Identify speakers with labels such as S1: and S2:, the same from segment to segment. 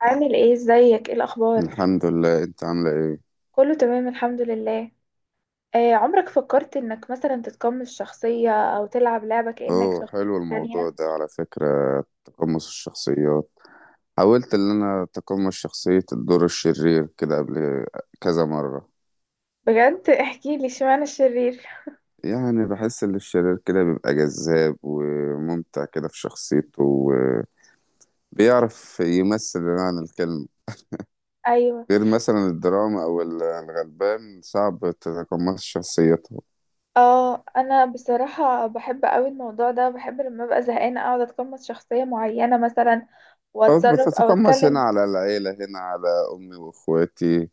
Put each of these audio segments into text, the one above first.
S1: عامل ايه؟ ازيك؟ ايه الاخبار؟
S2: الحمد لله. انت عامله ايه؟
S1: كله تمام، الحمد لله. آه، عمرك فكرت انك مثلا تتقمص شخصية او تلعب لعبة كأنك
S2: اوه، حلو
S1: شخصية
S2: الموضوع
S1: تانية؟
S2: ده على فكره. تقمص الشخصيات، حاولت ان انا اتقمص شخصيه الدور الشرير كده قبل كذا مره.
S1: بجد؟ احكي لي، اشمعنى الشرير؟
S2: يعني بحس ان الشرير كده بيبقى جذاب وممتع كده في شخصيته، وبيعرف يمثل عن الكلمه.
S1: ايوه.
S2: غير مثلا الدراما او الغلبان صعب تتقمص شخصيته.
S1: اه، انا بصراحة بحب قوي الموضوع ده. بحب لما ابقى زهقانة اقعد اتقمص شخصية معينة مثلا،
S2: أو
S1: واتصرف او
S2: بتتقمص هنا
S1: اتكلم.
S2: على العيلة، هنا على أمي وإخواتي.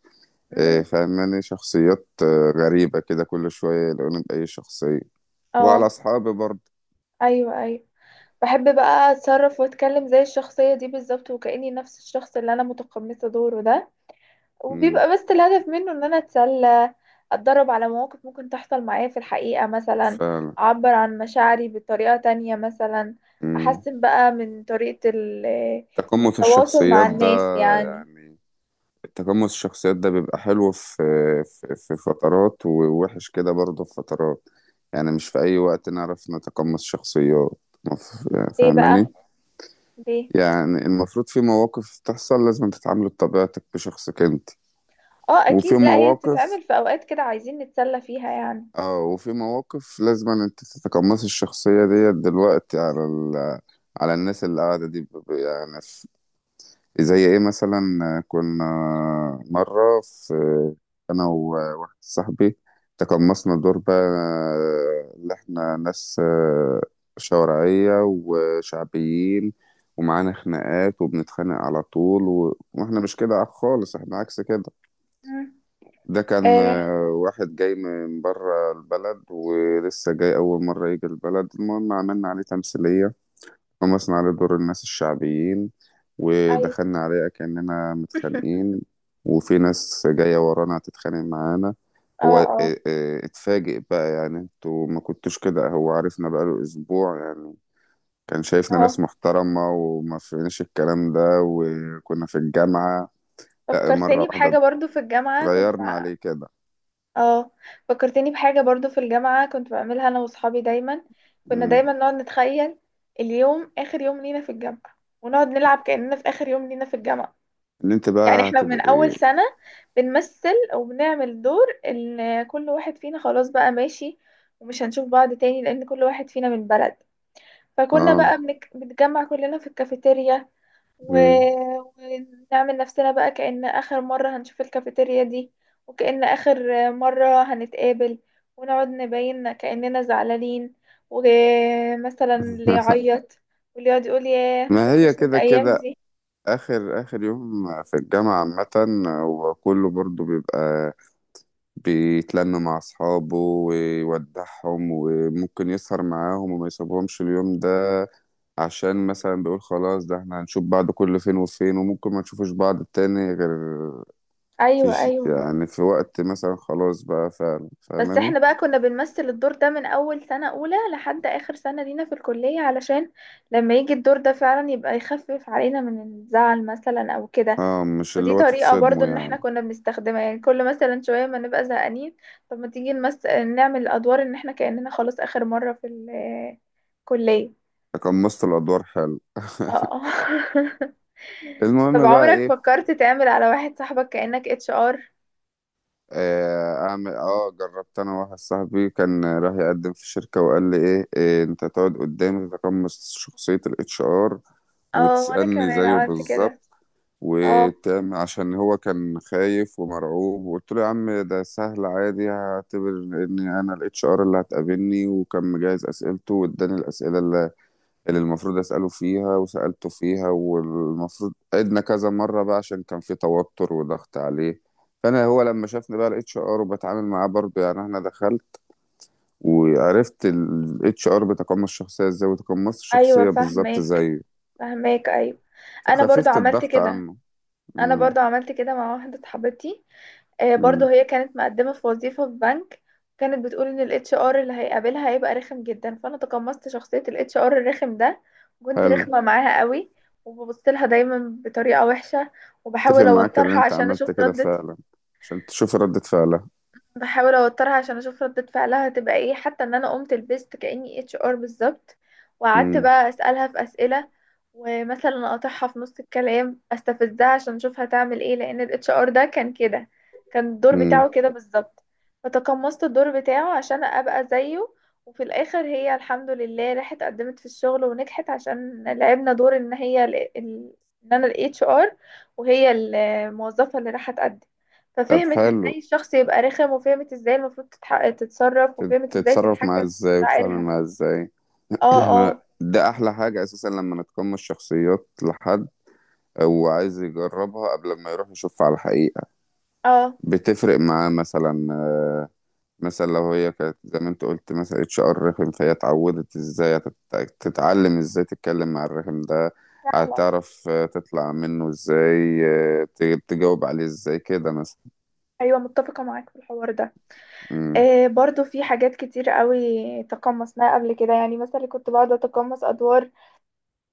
S2: إيه،
S1: امم.
S2: فاهماني شخصيات غريبة كده، كل شوية يلاقوني بأي شخصية. وعلى
S1: اه.
S2: أصحابي برضه.
S1: ايوه، ايوه. بحب بقى اتصرف واتكلم زي الشخصية دي بالظبط، وكأني نفس الشخص اللي انا متقمصة دوره ده.
S2: مم،
S1: وبيبقى بس الهدف منه ان انا اتسلى، اتدرب على مواقف ممكن تحصل معايا في الحقيقة مثلا،
S2: فعلا.
S1: اعبر عن مشاعري بطريقة تانية مثلا،
S2: مم.
S1: احسن بقى من طريقة
S2: تقمص
S1: التواصل مع
S2: الشخصيات ده
S1: الناس يعني.
S2: يعني تقمص الشخصيات ده بيبقى حلو في في فترات، ووحش كده برضه في فترات. يعني مش في أي وقت نعرف نتقمص شخصيات. مف-
S1: ليه بقى؟
S2: فاهماني؟
S1: ليه؟
S2: يعني المفروض في مواقف تحصل لازم تتعامل بطبيعتك، بشخصك انت.
S1: اه
S2: وفي
S1: اكيد، لا هي
S2: مواقف،
S1: بتتعمل في اوقات كده عايزين نتسلى فيها يعني.
S2: اه وفي مواقف لازم أن انت تتقمصي الشخصية ديت دلوقتي على على الناس اللي قاعدة دي يعني زي ايه مثلا. كنا مرة في، انا وواحد صاحبي تقمصنا دور بقى، اللي احنا ناس شوارعية وشعبيين، ومعانا خناقات وبنتخانق على طول واحنا مش كده خالص، احنا عكس كده.
S1: مم.
S2: ده كان
S1: آه.
S2: واحد جاي من بره البلد ولسه جاي أول مرة يجي البلد. المهم عملنا عليه تمثيلية، قمصنا عليه دور الناس الشعبيين،
S1: ايوه.
S2: ودخلنا عليه كأننا متخانقين، وفي ناس جاية ورانا هتتخانق معانا.
S1: اه،
S2: هو
S1: اه.
S2: اتفاجئ بقى، يعني انتوا ما كنتوش كده. هو عرفنا بقاله أسبوع يعني، كان شايفنا
S1: اه.
S2: ناس محترمة وما فيناش الكلام ده، وكنا في الجامعة. لا، مرة
S1: فكرتني
S2: واحدة
S1: بحاجة برضو في الجامعة كنت
S2: اتغيرنا
S1: مع.
S2: عليه كده.
S1: اه. فكرتني بحاجة برضو في الجامعة كنت بعملها انا واصحابي دايما. كنا
S2: مم.
S1: دايما نقعد نتخيل اليوم اخر يوم لينا في الجامعة، ونقعد نلعب كأننا في اخر يوم لينا في الجامعة.
S2: ان انت
S1: يعني
S2: بقى
S1: احنا
S2: هتبقى
S1: من اول
S2: إيه؟
S1: سنة بنمثل وبنعمل دور ان كل واحد فينا خلاص بقى ماشي، ومش هنشوف بعض تاني لان كل واحد فينا من بلد. فكنا
S2: اه.
S1: بقى بنتجمع كلنا في الكافيتيريا. و...
S2: مم.
S1: ونعمل نفسنا بقى كأن آخر مرة هنشوف الكافيتيريا دي، وكأن آخر مرة هنتقابل، ونقعد نبين كأننا زعلانين، ومثلا اللي يعيط، واللي يقعد يقول: ياه، أنا
S2: ما هي
S1: هتوحشني
S2: كده
S1: الأيام
S2: كده
S1: دي.
S2: اخر اخر يوم في الجامعة عامة، وكله برضو بيبقى بيتلم مع اصحابه ويودعهم وممكن يسهر معاهم وما يسيبهمش اليوم ده. عشان مثلا بيقول خلاص، ده احنا هنشوف بعض كل فين وفين وممكن ما نشوفش بعض تاني غير في
S1: أيوة، أيوة.
S2: يعني في وقت مثلا خلاص بقى، فعلا،
S1: بس
S2: فاهماني.
S1: احنا بقى كنا بنمثل الدور ده من أول سنة أولى لحد آخر سنة لينا في الكلية، علشان لما يجي الدور ده فعلا يبقى يخفف علينا من الزعل مثلا أو كده.
S2: اه، مش
S1: فدي
S2: اللي هو
S1: طريقة برضو
S2: تتصدموا
S1: ان احنا
S2: يعني.
S1: كنا بنستخدمها، يعني كل مثلا شوية ما نبقى زهقانين. طب ما تيجي نعمل الادوار ان احنا كأننا خلاص اخر مرة في الكلية.
S2: تقمصت الادوار حلو.
S1: اه. طب
S2: المهم بقى
S1: عمرك
S2: ايه؟
S1: فكرت تعمل على واحد صاحبك كأنك HR؟
S2: اعمل اه جربت. انا واحد صاحبي كان راح يقدم في شركة وقال لي، إيه انت تقعد قدامي تتقمص شخصية الاتش ار
S1: اه، وانا
S2: وتسألني
S1: كمان
S2: زيه
S1: عملت كده.
S2: بالظبط
S1: اه،
S2: وتعمل. عشان هو كان خايف ومرعوب، وقلت له يا عم ده سهل عادي، هعتبر ان انا الاتش ار اللي هتقابلني. وكان مجهز اسئلته واداني الاسئلة اللي المفروض أسأله فيها وسألته فيها. والمفروض عدنا كذا مرة بقى عشان كان في توتر وضغط عليه. فأنا، هو لما شافني بقى الاتش ار وبتعامل معاه برضه، يعني أنا دخلت وعرفت الاتش ار بيتقمص الشخصية ازاي، وتقمصت
S1: ايوه
S2: الشخصية بالظبط
S1: فاهماك،
S2: زيه.
S1: فاهماك ايوه. انا برضو
S2: فخففت
S1: عملت
S2: الضغط
S1: كده
S2: عنه.
S1: انا
S2: امم.
S1: برضو عملت كده مع واحدة صاحبتي. آه، برضو
S2: امم.
S1: هي كانت مقدمة في وظيفة في بنك. كانت بتقول ان الاتش ار اللي هيقابلها هيبقى رخم جدا، فانا تقمصت شخصية الاتش ار الرخم ده. وكنت
S2: حلو.
S1: رخمة معاها قوي. وببص لها دايما بطريقة وحشة.
S2: اتفق
S1: وبحاول
S2: معاك ان
S1: اوترها
S2: انت
S1: عشان
S2: عملت
S1: اشوف
S2: كده
S1: ردة
S2: فعلا عشان تشوف ردة فعلها.
S1: بحاول اوترها عشان اشوف ردة فعلها هتبقى ايه، حتى ان انا قمت لبست كأني اتش ار بالظبط. وقعدت
S2: امم.
S1: بقى اسألها في اسئلة. ومثلا اقاطعها في نص الكلام استفزها عشان اشوف هتعمل ايه، لان الاتش ار ده كان كده. كان الدور بتاعه
S2: امم.
S1: كده بالظبط. فتقمصت الدور بتاعه عشان ابقى زيه. وفي الاخر هي الحمد لله راحت قدمت في الشغل ونجحت، عشان لعبنا دور ان هي ان انا الاتش ار، وهي الموظفة اللي راحت تقدم.
S2: طب
S1: ففهمت ازاي
S2: حلو.
S1: الشخص يبقى رخم، وفهمت ازاي المفروض تتصرف، وفهمت ازاي
S2: تتصرف معاه
S1: تتحكم في
S2: ازاي وتتعامل
S1: مشاعرها.
S2: معاه ازاي.
S1: اه، اه.
S2: ده احلى حاجة اساسا لما نتقمص شخصيات لحد، او عايز يجربها قبل ما يروح يشوفها على الحقيقة.
S1: اه.
S2: بتفرق معاه مثلا. مثلا لو هي كانت زي ما انت قلت مثلا اتش ار رخم، فهي اتعودت ازاي. تتعلم ازاي تتكلم مع الرخم ده.
S1: فعلا.
S2: هتعرف تطلع منه ازاي، تجاوب عليه ازاي كده مثلا.
S1: ايوه متفقه معاك في الحوار ده.
S2: مم.
S1: آه، برضو في حاجات كتير قوي تقمصناها قبل كده يعني، مثلا كنت بقعد اتقمص ادوار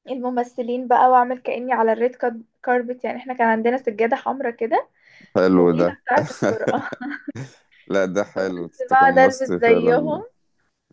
S1: الممثلين بقى واعمل كاني على الريد كاربت، يعني احنا كان عندنا سجاده حمراء كده
S2: حلو ده.
S1: طويله بتاعه الطرقه.
S2: لا، ده حلو،
S1: كنت بقعد
S2: تقمصت
S1: البس
S2: فعلا.
S1: زيهم.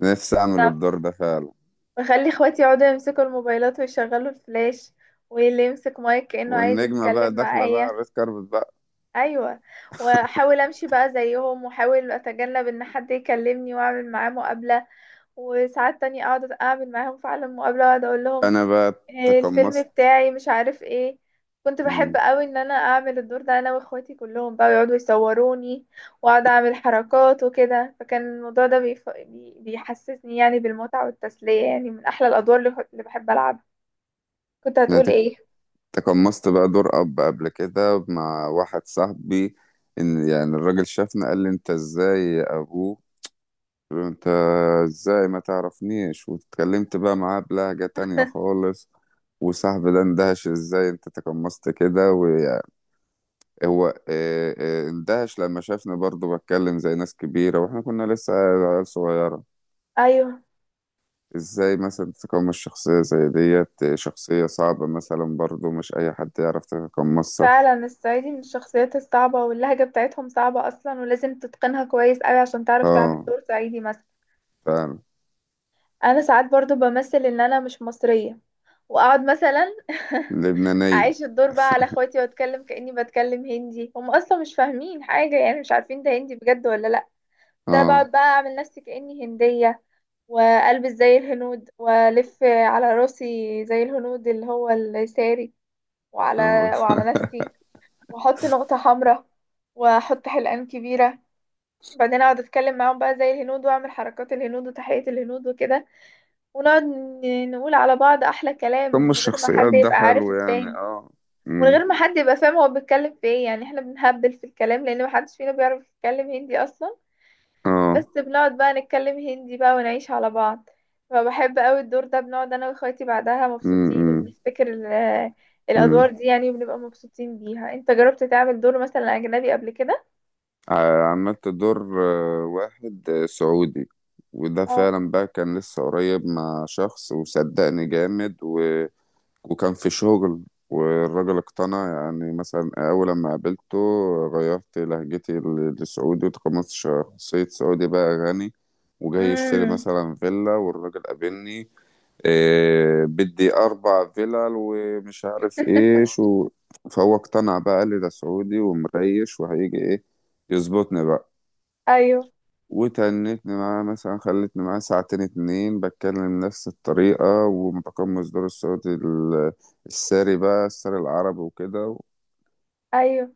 S2: نفسي اعمل الدور ده فعلا.
S1: بخلي اخواتي يقعدوا يمسكوا الموبايلات ويشغلوا الفلاش، واللي يمسك مايك كأنه عايز
S2: والنجمة بقى
S1: يتكلم
S2: داخلة بقى على
S1: معايا.
S2: الريد كاربت بقى.
S1: ايوه. واحاول امشي بقى زيهم، واحاول اتجنب ان حد يكلمني واعمل معاه مقابله. وساعات تانية اقعد اعمل معاهم فعلا مقابله، واقعد اقول لهم:
S2: انا بقى
S1: إيه الفيلم
S2: تقمصت.
S1: بتاعي؟ مش عارف ايه. كنت بحب
S2: مم.
S1: قوي ان انا اعمل الدور ده، انا واخواتي كلهم بقى يقعدوا يصوروني، واقعد اعمل حركات وكده. فكان الموضوع ده بيحسسني يعني بالمتعة والتسلية، يعني من احلى الادوار اللي بحب العبها. كنت
S2: انا
S1: هتقول ايه؟
S2: تقمصت بقى دور اب قبل كده مع واحد صاحبي. ان يعني الراجل شافنا قال لي انت ازاي يا ابوه. قلت له انت ازاي، ما تعرفنيش. واتكلمت بقى معاه بلهجة تانية خالص، وصاحبي ده اندهش ازاي انت تقمصت كده. وهو اه، اندهش لما شافني برضه بتكلم زي ناس كبيرة واحنا كنا لسه عيال صغيرة.
S1: ايوه
S2: ازاي مثلا تتقمص شخصية زي ديت؟ شخصية صعبة مثلا، برضو مش أي حد يعرف يتقمصها.
S1: فعلا، الصعيدي من الشخصيات الصعبة، واللهجة بتاعتهم صعبة اصلا، ولازم تتقنها كويس قوي عشان تعرف تعمل
S2: اه،
S1: دور صعيدي مثلا.
S2: فعلا.
S1: انا ساعات برضو بمثل ان انا مش مصرية. واقعد مثلا
S2: لبنانية.
S1: اعيش الدور بقى على اخواتي، واتكلم كاني بتكلم هندي. هم اصلا مش فاهمين حاجه، يعني مش عارفين ده هندي بجد ولا لا. بس انا
S2: اه.
S1: بقعد بقى اعمل نفسي كاني هنديه. والبس زي الهنود والف على راسي زي الهنود اللي هو الساري. وعلى
S2: اه.
S1: وعلى نفسي. واحط نقطه حمراء. واحط حلقان كبيره. بعدين اقعد اتكلم معاهم بقى زي الهنود، واعمل حركات الهنود وتحية الهنود وكده. ونقعد نقول على بعض احلى كلام
S2: تقمص
S1: من غير ما حد
S2: الشخصيات ده
S1: يبقى عارف
S2: حلو يعني،
S1: التاني.
S2: اه.
S1: من
S2: أمم.
S1: غير ما حد يبقى فاهم هو بيتكلم في ايه، يعني احنا بنهبل في الكلام لان محدش فينا بيعرف يتكلم هندي اصلا. بس
S2: اه.
S1: بنقعد بقى نتكلم هندي بقى ونعيش على بعض. فبحب قوي الدور ده، بنقعد انا واخواتي بعدها
S2: أمم.
S1: مبسوطين
S2: أمم.
S1: وبنفتكر
S2: أمم.
S1: الادوار دي يعني، وبنبقى مبسوطين بيها. انت جربت تعمل دور مثلا اجنبي قبل كده؟
S2: عملت دور واحد سعودي. وده
S1: اه.
S2: فعلا بقى كان لسه قريب مع شخص، وصدقني جامد. وكان في شغل، والراجل اقتنع يعني. مثلا أول لما قابلته غيرت لهجتي لسعودي، وتقمصت شخصية سعودي بقى غني وجاي يشتري
S1: امم.
S2: مثلا فيلا. والراجل قابلني، إيه بدي أربع فيلل ومش عارف إيه شو. فهو اقتنع بقى، قال لي ده سعودي ومريش وهيجي إيه يظبطني بقى.
S1: ايوه،
S2: وتنتني معاه، مثلا خلتني معاه ساعتين اتنين بتكلم نفس الطريقة، ومتقمص دور الصوت الساري بقى، الساري العربي وكده.
S1: ايوه.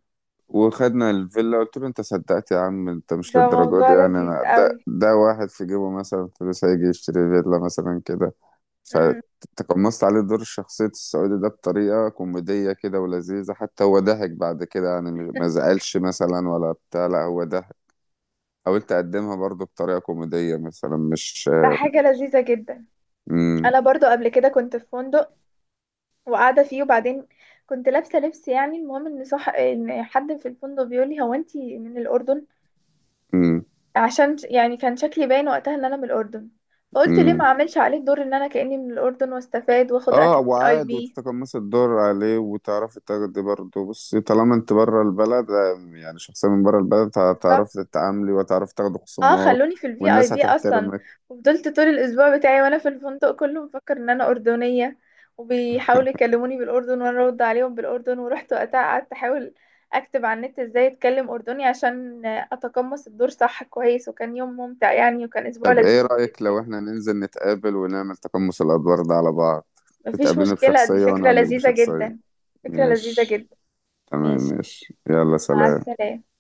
S2: وخدنا الفيلا. قلت له انت صدقت يا عم، انت مش
S1: ده
S2: للدرجة
S1: موضوع
S2: دي يعني.
S1: لذيذ
S2: انا
S1: قوي.
S2: ده واحد في جيبه مثلا فلوس هيجي يشتري فيلا مثلا كده.
S1: امم.
S2: فتقمصت عليه دور شخصية السعودي ده بطريقة كوميدية كده ولذيذة. حتى هو ضحك بعد كده يعني، ما زعلش مثلا ولا بتاع. لا، هو ضحك. حاولت أقدمها برضو بطريقة كوميدية مثلا، مش.
S1: ده حاجة لذيذة جدا.
S2: امم.
S1: انا برضو قبل كده كنت في فندق وقاعده فيه، وبعدين كنت لابسه لبس يعني، المهم ان صح ان حد في الفندق بيقول لي: هو انتي من الاردن؟
S2: امم.
S1: عشان يعني كان شكلي باين وقتها ان انا من الاردن. فقلت ليه ما
S2: امم.
S1: اعملش عليه دور ان انا كاني من الاردن واستفاد واخد
S2: اه،
S1: اكل اي
S2: وعاد
S1: بي
S2: وتتقمص الدور عليه وتعرفي تاخدي برضه. بصي طالما انت بره البلد، يعني شخصية من بره البلد،
S1: بالظبط.
S2: هتعرفي تتعاملي وتعرفي تاخدي
S1: اه،
S2: خصومات.
S1: خلوني في الفي اي
S2: والناس
S1: بي اصلا.
S2: هتحترمك.
S1: وفضلت طول الاسبوع بتاعي وانا في الفندق كله مفكر ان انا اردنيه. وبيحاولوا يكلموني بالاردن وانا ارد عليهم بالاردن، ورحت وقتها قعدت احاول اكتب على النت ازاي اتكلم اردني عشان اتقمص الدور صح كويس، وكان يوم ممتع يعني، وكان اسبوع
S2: طب
S1: لذيذ
S2: ايه
S1: بالنسبه
S2: رأيك
S1: لي.
S2: لو احنا ننزل نتقابل ونعمل تقمص الأدوار ده على بعض؟
S1: مفيش
S2: تتقابليني
S1: مشكله، دي
S2: بشخصية وانا
S1: فكره
S2: اقابلك
S1: لذيذه
S2: بشخصية.
S1: جدا. فكره لذيذه
S2: ماشي.
S1: جدا.
S2: تمام،
S1: ماشي.
S2: ماشي، يلا
S1: مع
S2: سلام.
S1: السلامه.